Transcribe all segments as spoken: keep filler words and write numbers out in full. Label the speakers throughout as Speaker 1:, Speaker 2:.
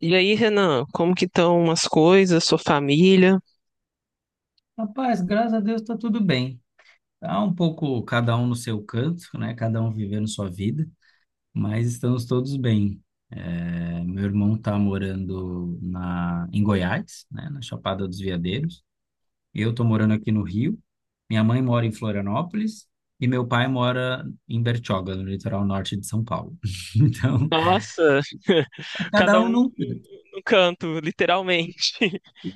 Speaker 1: E aí, Renan, como que estão as coisas, sua família?
Speaker 2: Rapaz, graças a Deus está tudo bem. Tá um pouco cada um no seu canto, né? Cada um vivendo sua vida, mas estamos todos bem. É, meu irmão está morando na, em Goiás, né? Na Chapada dos Veadeiros. Eu estou morando aqui no Rio. Minha mãe mora em Florianópolis e meu pai mora em Bertioga, no litoral norte de São Paulo. Então,
Speaker 1: Nossa, cada
Speaker 2: cada um
Speaker 1: um
Speaker 2: num canto.
Speaker 1: no canto, literalmente.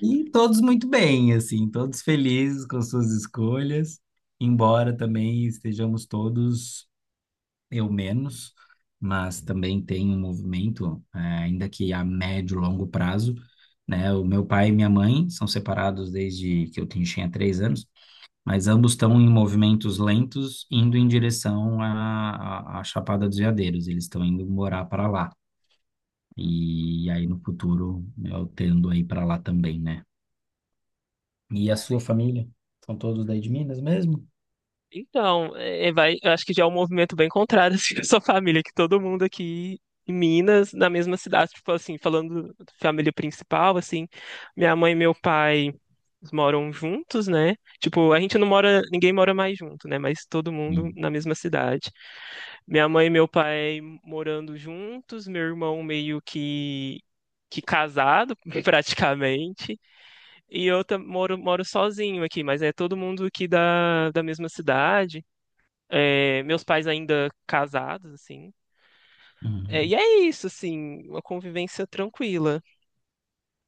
Speaker 2: E todos muito bem, assim, todos felizes com suas escolhas embora também estejamos todos. Eu menos, mas também tem um movimento, eh, ainda que a médio e longo prazo, né? O meu pai e minha mãe são separados desde que eu tinha tinha três anos, mas ambos estão em movimentos lentos, indo em direção à, à, à Chapada dos Veadeiros. Eles estão indo morar para lá. E aí no futuro eu tendo aí para lá também, né? E a sua família? São todos daí de Minas mesmo?
Speaker 1: Então, é, vai, eu acho que já é um movimento bem contrário assim, da sua família, que todo mundo aqui em Minas, na mesma cidade, tipo assim, falando da família principal, assim, minha mãe e meu pai eles moram juntos, né? Tipo, a gente não mora, ninguém mora mais junto, né? Mas todo mundo
Speaker 2: Hum.
Speaker 1: na mesma cidade. Minha mãe e meu pai morando juntos, meu irmão meio que que casado, praticamente, e eu tam- moro, moro sozinho aqui, mas é todo mundo aqui da, da mesma cidade. É, meus pais ainda casados, assim. É,
Speaker 2: Uhum.
Speaker 1: e é isso, assim, uma convivência tranquila,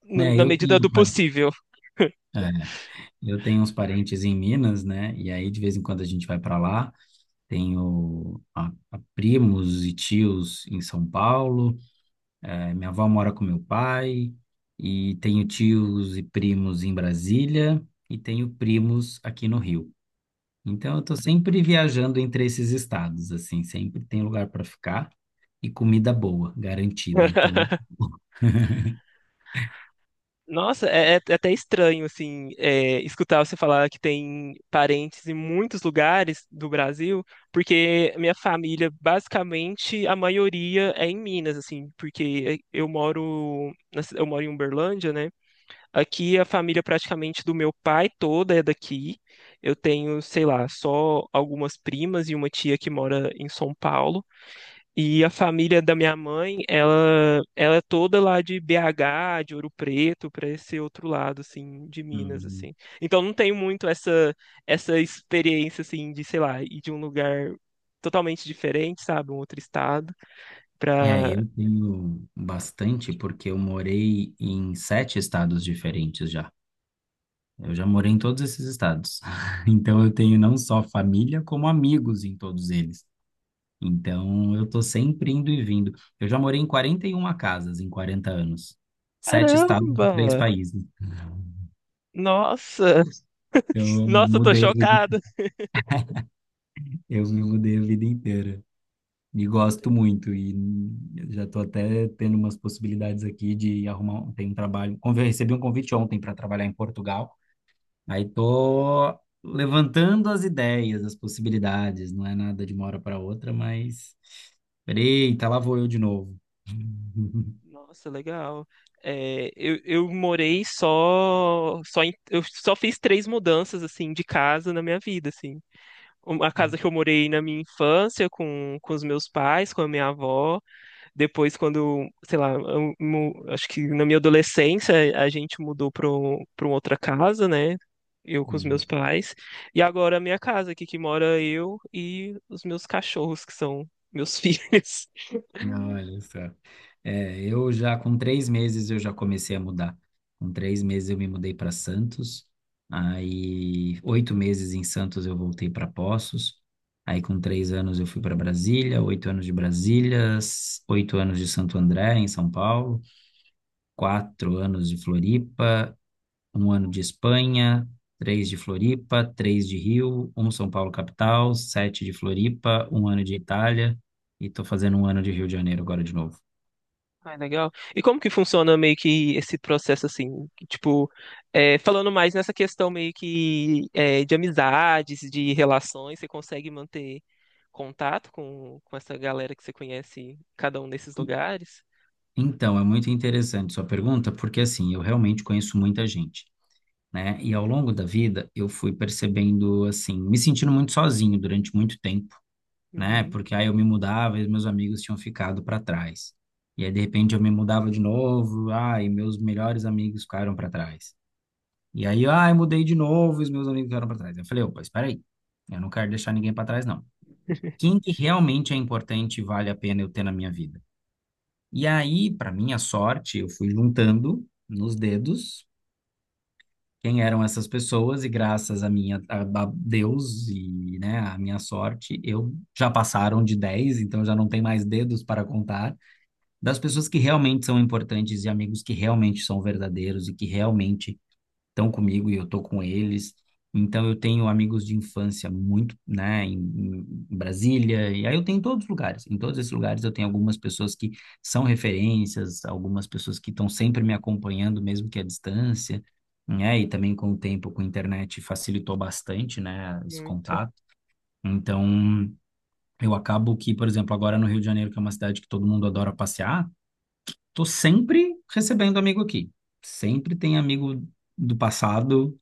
Speaker 1: no-
Speaker 2: É,
Speaker 1: na
Speaker 2: eu
Speaker 1: medida
Speaker 2: tenho,
Speaker 1: do
Speaker 2: pai.
Speaker 1: possível.
Speaker 2: É, eu tenho uns parentes em Minas, né? E aí, de vez em quando, a gente vai para lá. Tenho a- a primos e tios em São Paulo. Eh, minha avó mora com meu pai. E tenho tios e primos em Brasília. E tenho primos aqui no Rio. Então, eu estou sempre viajando entre esses estados, assim. Sempre tem lugar para ficar e comida boa, garantida. Então,
Speaker 1: Nossa, é, é é até estranho, assim, é, escutar você falar que tem parentes em muitos lugares do Brasil, porque minha família, basicamente, a maioria é em Minas, assim, porque eu moro, na ci- eu moro em Uberlândia, né? Aqui a família praticamente do meu pai toda é daqui. Eu tenho, sei lá, só algumas primas e uma tia que mora em São Paulo. E a família da minha mãe, ela, ela é toda lá de B agá, de Ouro Preto, para esse outro lado, assim, de Minas, assim. Então não tenho muito essa essa experiência, assim, de, sei lá, ir de um lugar totalmente diferente, sabe, um outro estado,
Speaker 2: é,
Speaker 1: pra...
Speaker 2: eu tenho bastante porque eu morei em sete estados diferentes já. Eu já morei em todos esses estados. Então eu tenho não só família, como amigos em todos eles. Então eu tô sempre indo e vindo. Eu já morei em quarenta e uma casas em quarenta anos. Sete estados e
Speaker 1: Caramba!
Speaker 2: três países.
Speaker 1: Nossa!
Speaker 2: Eu
Speaker 1: Nossa, eu tô
Speaker 2: mudei a vida,
Speaker 1: chocada!
Speaker 2: eu me mudei a vida inteira. E gosto muito, e já estou até tendo umas possibilidades aqui de arrumar, um- tem um trabalho, convi- recebi um convite ontem para trabalhar em Portugal, aí estou levantando as ideias, as possibilidades, não é nada de uma hora para outra, mas, eita, lá vou eu de novo.
Speaker 1: Nossa, legal. É, eu, eu morei só, só em- eu só fiz três mudanças, assim, de casa na minha vida, assim. Uma casa que eu morei na minha infância com, com os meus pais, com a minha avó. Depois, quando, sei lá, eu mu- acho que na minha adolescência a gente mudou para para outra casa, né? Eu com os meus
Speaker 2: Uhum.
Speaker 1: pais. E agora a minha casa aqui que mora eu e os meus cachorros, que são meus filhos.
Speaker 2: Olha só. É, eu já com três meses eu já comecei a mudar. Com três meses eu me mudei para Santos. Aí oito meses em Santos eu voltei para Poços. Aí com três anos eu fui para Brasília, oito anos de Brasília, s- oito anos de Santo André em São Paulo, quatro anos de Floripa, um ano de Espanha, três de Floripa, três de Rio, um São Paulo capital, sete de Floripa, um ano de Itália e tô fazendo um ano de Rio de Janeiro agora de novo.
Speaker 1: Ah, legal. E como que funciona meio que esse processo assim, que, tipo, é, falando mais nessa questão meio que é, de amizades, de relações, você consegue manter contato com, com essa galera que você conhece, cada um desses
Speaker 2: E-
Speaker 1: lugares?
Speaker 2: Então, é muito interessante sua pergunta, porque assim, eu realmente conheço muita gente, né? E ao longo da vida, eu fui percebendo, assim, me sentindo muito sozinho durante muito tempo, né?
Speaker 1: Uhum.
Speaker 2: Porque aí eu me mudava e meus amigos tinham ficado para trás. E aí, de repente, eu me mudava de novo, ah, e meus melhores amigos ficaram para trás. E aí, ah, eu mudei de novo e os meus amigos ficaram para trás. Eu falei, opa, espera aí, eu não quero deixar ninguém para trás, não. Quem que realmente é importante e vale a pena eu ter na minha vida? E aí, para minha sorte, eu fui juntando nos dedos quem eram essas pessoas e graças a minha a, a Deus e, né, a minha sorte, eu já passaram de dez então já não tem mais dedos para contar das pessoas que realmente são importantes e amigos que realmente são verdadeiros e que realmente estão comigo e eu estou com eles. Então eu tenho amigos de infância muito, né, em, em Brasília, e aí eu tenho em todos os lugares. Em todos esses lugares eu tenho algumas pessoas que são referências, algumas pessoas que estão sempre me acompanhando, mesmo que à distância, né? E também com o tempo, com a internet, facilitou bastante, né, esse
Speaker 1: Muito.
Speaker 2: contato. Então eu acabo que, por exemplo, agora no Rio de Janeiro, que é uma cidade que todo mundo adora passear, tô sempre recebendo amigo aqui. Sempre tem amigo do passado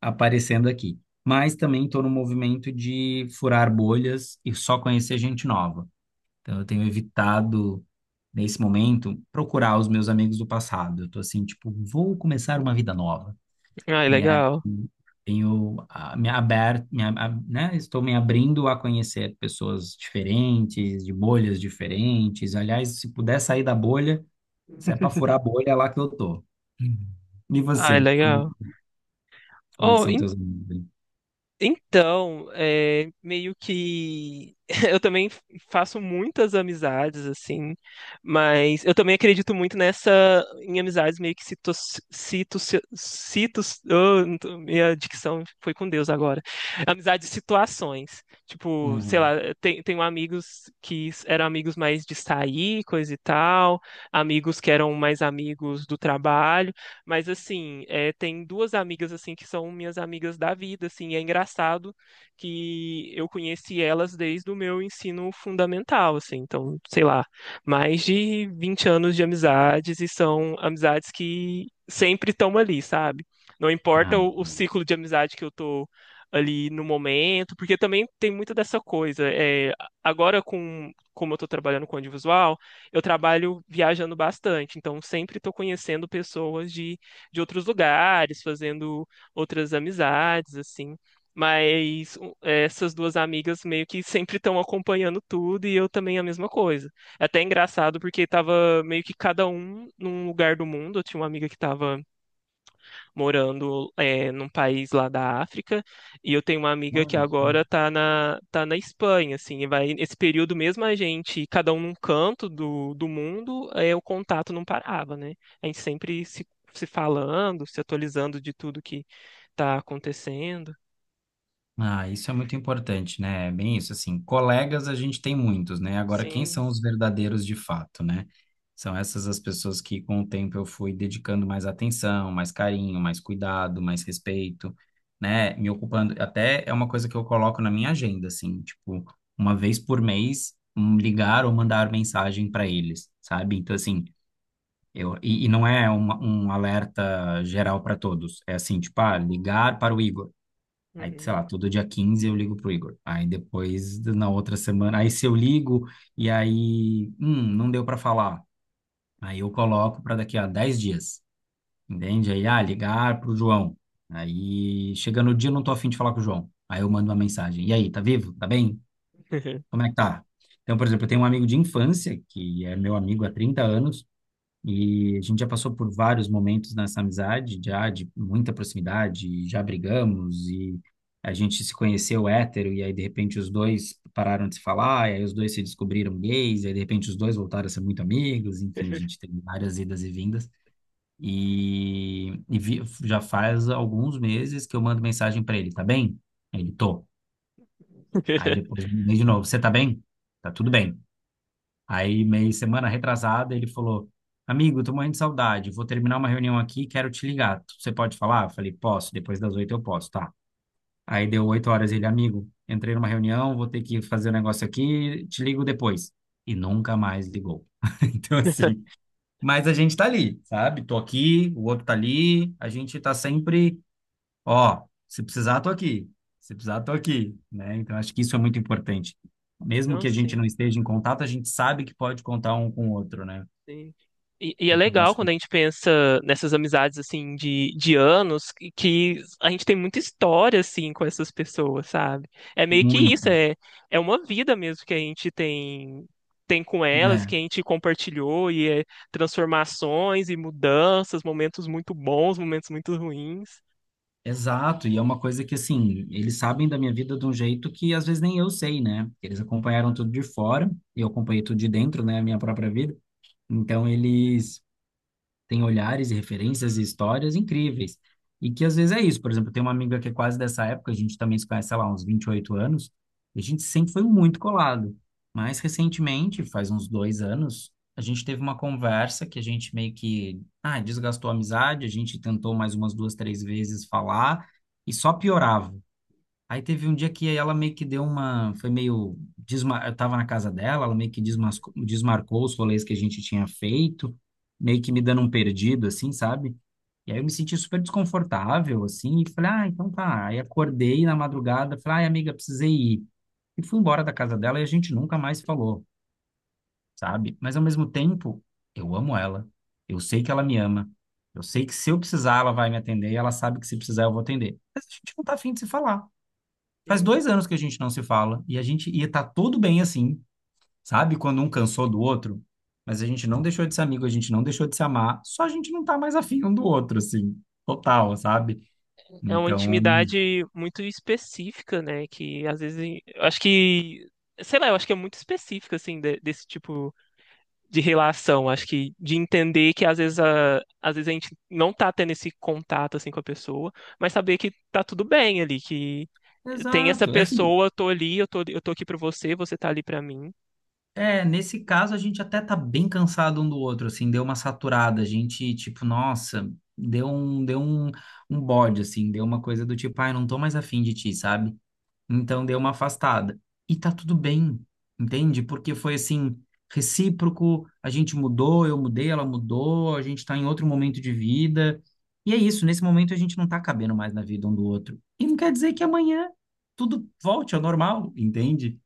Speaker 2: aparecendo aqui. Mas também estou no movimento de furar bolhas e só conhecer gente nova. Então, eu tenho evitado, nesse momento, procurar os meus amigos do passado. Eu estou assim, tipo, vou começar uma vida nova.
Speaker 1: Ai,
Speaker 2: E aí,
Speaker 1: legal.
Speaker 2: tenho ah, me aberto, me, ab- ab- né? Estou me abrindo a conhecer pessoas diferentes, de bolhas diferentes. Aliás, se puder sair da bolha, se é para furar a bolha, é lá que eu tô. Uhum. E
Speaker 1: Ai,
Speaker 2: você? Como,
Speaker 1: legal.
Speaker 2: é, como é que
Speaker 1: Oh,
Speaker 2: são teus amigos aí?
Speaker 1: então, é, meio que eu também faço muitas amizades, assim, mas eu também acredito muito nessa, em amizades meio que cito, cito, cito, oh, não tô- minha dicção foi com Deus agora. Amizades de situações. Tipo, sei lá,
Speaker 2: Uhum.
Speaker 1: tem, tenho amigos que eram amigos mais de sair, coisa e tal, amigos que eram mais amigos do trabalho. Mas assim, é, tem duas amigas assim que são minhas amigas da vida, assim, e é engraçado que eu conheci elas desde o meu ensino fundamental, assim, então, sei lá, mais de vinte anos de amizades e são amizades que sempre estão ali, sabe? Não
Speaker 2: Ah,
Speaker 1: importa o, o ciclo de amizade que eu tô ali no momento, porque também tem muita dessa coisa. É, agora, com, como eu estou trabalhando com audiovisual, eu trabalho viajando bastante, então sempre estou conhecendo pessoas de de outros lugares, fazendo outras amizades, assim. Mas um, essas duas amigas meio que sempre estão acompanhando tudo e eu também a mesma coisa. É até engraçado porque tava meio que cada um num lugar do mundo. Eu tinha uma amiga que tava morando é, num país lá da África, e eu tenho uma amiga
Speaker 2: não,
Speaker 1: que
Speaker 2: isso. É um,
Speaker 1: agora tá na, tá na Espanha, assim, e vai nesse período mesmo a gente, cada um num canto do, do mundo, é, o contato não parava, né? A gente sempre se, se falando, se atualizando de tudo que tá acontecendo.
Speaker 2: ah, isso é muito importante, né? É bem isso, assim, colegas a gente tem muitos, né? Agora, quem
Speaker 1: Sim.
Speaker 2: são os verdadeiros de fato, né? São essas as pessoas que, com o tempo, eu fui dedicando mais atenção, mais carinho, mais cuidado, mais respeito, né? Me ocupando, até é uma coisa que eu coloco na minha agenda, assim, tipo, uma vez por mês, um, ligar ou mandar mensagem para eles, sabe? Então, assim, eu, e, e não é uma, um alerta geral para todos. É assim, tipo, ah, ligar para o Igor. Aí, sei
Speaker 1: Uhum.
Speaker 2: lá, todo dia quinze eu ligo pro Igor. Aí depois, na outra semana, aí se eu ligo e aí, hum, não deu para falar. Aí eu coloco para daqui a dez dias, entende? Aí, ah, ligar pro João. Aí, chega no dia, eu não tô afim de falar com o João. Aí eu mando uma mensagem. E aí, tá vivo? Tá bem? Como é que tá? Então, por exemplo, eu tenho um amigo de infância, que é meu amigo há trinta anos, e a gente já passou por vários momentos nessa amizade, já de muita proximidade, já brigamos e a gente se conheceu hétero e aí de repente os dois pararam de se falar, e aí os dois se descobriram gays, e aí de repente os dois voltaram a ser muito amigos, enfim, a gente teve várias idas e vindas. E, e vi- já faz alguns meses que eu mando mensagem para ele, tá bem? Ele, tô. Aí depois eu mandei de novo, você tá bem? Tá tudo bem. Aí, meio semana retrasada, ele falou: Amigo, tô morrendo de saudade, vou terminar uma reunião aqui, quero te ligar. Você pode falar? Eu falei: Posso, depois das oito eu posso, tá? Aí deu oito horas, ele, amigo, entrei numa reunião, vou ter que fazer um negócio aqui, te ligo depois. E nunca mais ligou. Então, assim, mas a gente tá ali, sabe? Tô aqui, o outro tá ali, a gente tá sempre, ó, se precisar, tô aqui. Se precisar, tô aqui, né? Então, acho que isso é muito importante. Mesmo
Speaker 1: Não,
Speaker 2: que a
Speaker 1: sim.
Speaker 2: gente não esteja em contato, a gente sabe que pode contar um com o outro, né?
Speaker 1: Sim. E, e é
Speaker 2: Então,
Speaker 1: legal
Speaker 2: acho
Speaker 1: quando
Speaker 2: que
Speaker 1: a gente pensa nessas amizades assim de, de anos que, que a gente tem muita história assim com essas pessoas, sabe? É meio que isso,
Speaker 2: muito.
Speaker 1: é, é uma vida mesmo que a gente tem tem com elas, que
Speaker 2: É,
Speaker 1: a gente compartilhou e é transformações e mudanças, momentos muito bons, momentos muito ruins.
Speaker 2: exato. E é uma coisa que, assim, eles sabem da minha vida de um jeito que às vezes nem eu sei, né? Eles acompanharam tudo de fora, eu acompanhei tudo de dentro, né? A minha própria vida. Então, eles tem olhares e referências e histórias incríveis. E que às vezes é isso. Por exemplo, tem uma amiga que é quase dessa época, a gente também se conhece, sei lá, uns vinte e oito anos, e a gente sempre foi muito colado. Mas recentemente, faz uns dois anos, a gente teve uma conversa que a gente meio que, ah, desgastou a amizade, a gente tentou mais umas duas, três vezes falar e só piorava. Aí teve um dia que ela meio que deu uma, foi meio, desma... eu tava na casa dela, ela meio que desmascou, desmarcou os rolês que a gente tinha feito, meio que me dando um perdido, assim, sabe? E aí eu me senti super desconfortável, assim, e falei, ah, então tá. Aí acordei na madrugada, falei, ai, amiga, precisei ir. E fui embora da casa dela e a gente nunca mais falou, sabe? Mas ao mesmo tempo, eu amo ela, eu sei que ela me ama, eu sei que se eu precisar, ela vai me atender, e ela sabe que se precisar, eu vou atender. Mas a gente não tá afim de se falar. Faz
Speaker 1: Sim.
Speaker 2: dois anos que a gente não se fala e a gente ia estar tudo bem assim, sabe? Quando um cansou do outro, mas a gente não deixou de ser amigo, a gente não deixou de se amar, só a gente não tá mais afim um do outro, assim, total, sabe?
Speaker 1: É uma
Speaker 2: Então,
Speaker 1: intimidade muito específica, né? Que às vezes eu acho que, sei lá, eu acho que é muito específica assim de- desse tipo de relação, acho que de entender que às vezes a, às vezes a gente não tá tendo esse contato assim com a pessoa, mas saber que tá tudo bem ali, que tem essa
Speaker 2: exato. É assim,
Speaker 1: pessoa, eu tô ali, eu tô, eu tô aqui pra você, você tá ali pra mim.
Speaker 2: é, nesse caso a gente até tá bem cansado um do outro, assim, deu uma saturada, a gente, tipo, nossa, deu um, deu um, um bode, assim, deu uma coisa do tipo, ai, não tô mais afim de ti, sabe? Então deu uma afastada. E tá tudo bem, entende? Porque foi assim, recíproco, a gente mudou, eu mudei, ela mudou, a gente tá em outro momento de vida. E é isso, nesse momento a gente não tá cabendo mais na vida um do outro. E não quer dizer que amanhã tudo volte ao normal, entende?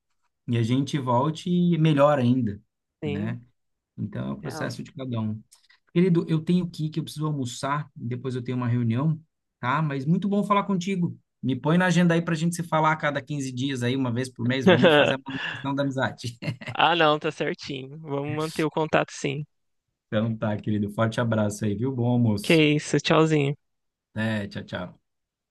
Speaker 2: E a gente volte melhor ainda,
Speaker 1: Sim,
Speaker 2: né? Então é o
Speaker 1: legal.
Speaker 2: processo de cada um. Querido, eu tenho que ir, que eu preciso almoçar, depois eu tenho uma reunião, tá? Mas muito bom falar contigo. Me põe na agenda aí pra gente se falar a cada quinze dias aí, uma vez por mês, vamos fazer a manutenção da amizade.
Speaker 1: Ah, não, tá certinho. Vamos manter o contato sim.
Speaker 2: Então tá, querido, forte abraço aí, viu? Bom
Speaker 1: Que
Speaker 2: almoço.
Speaker 1: isso, tchauzinho.
Speaker 2: Até, tchau, tchau.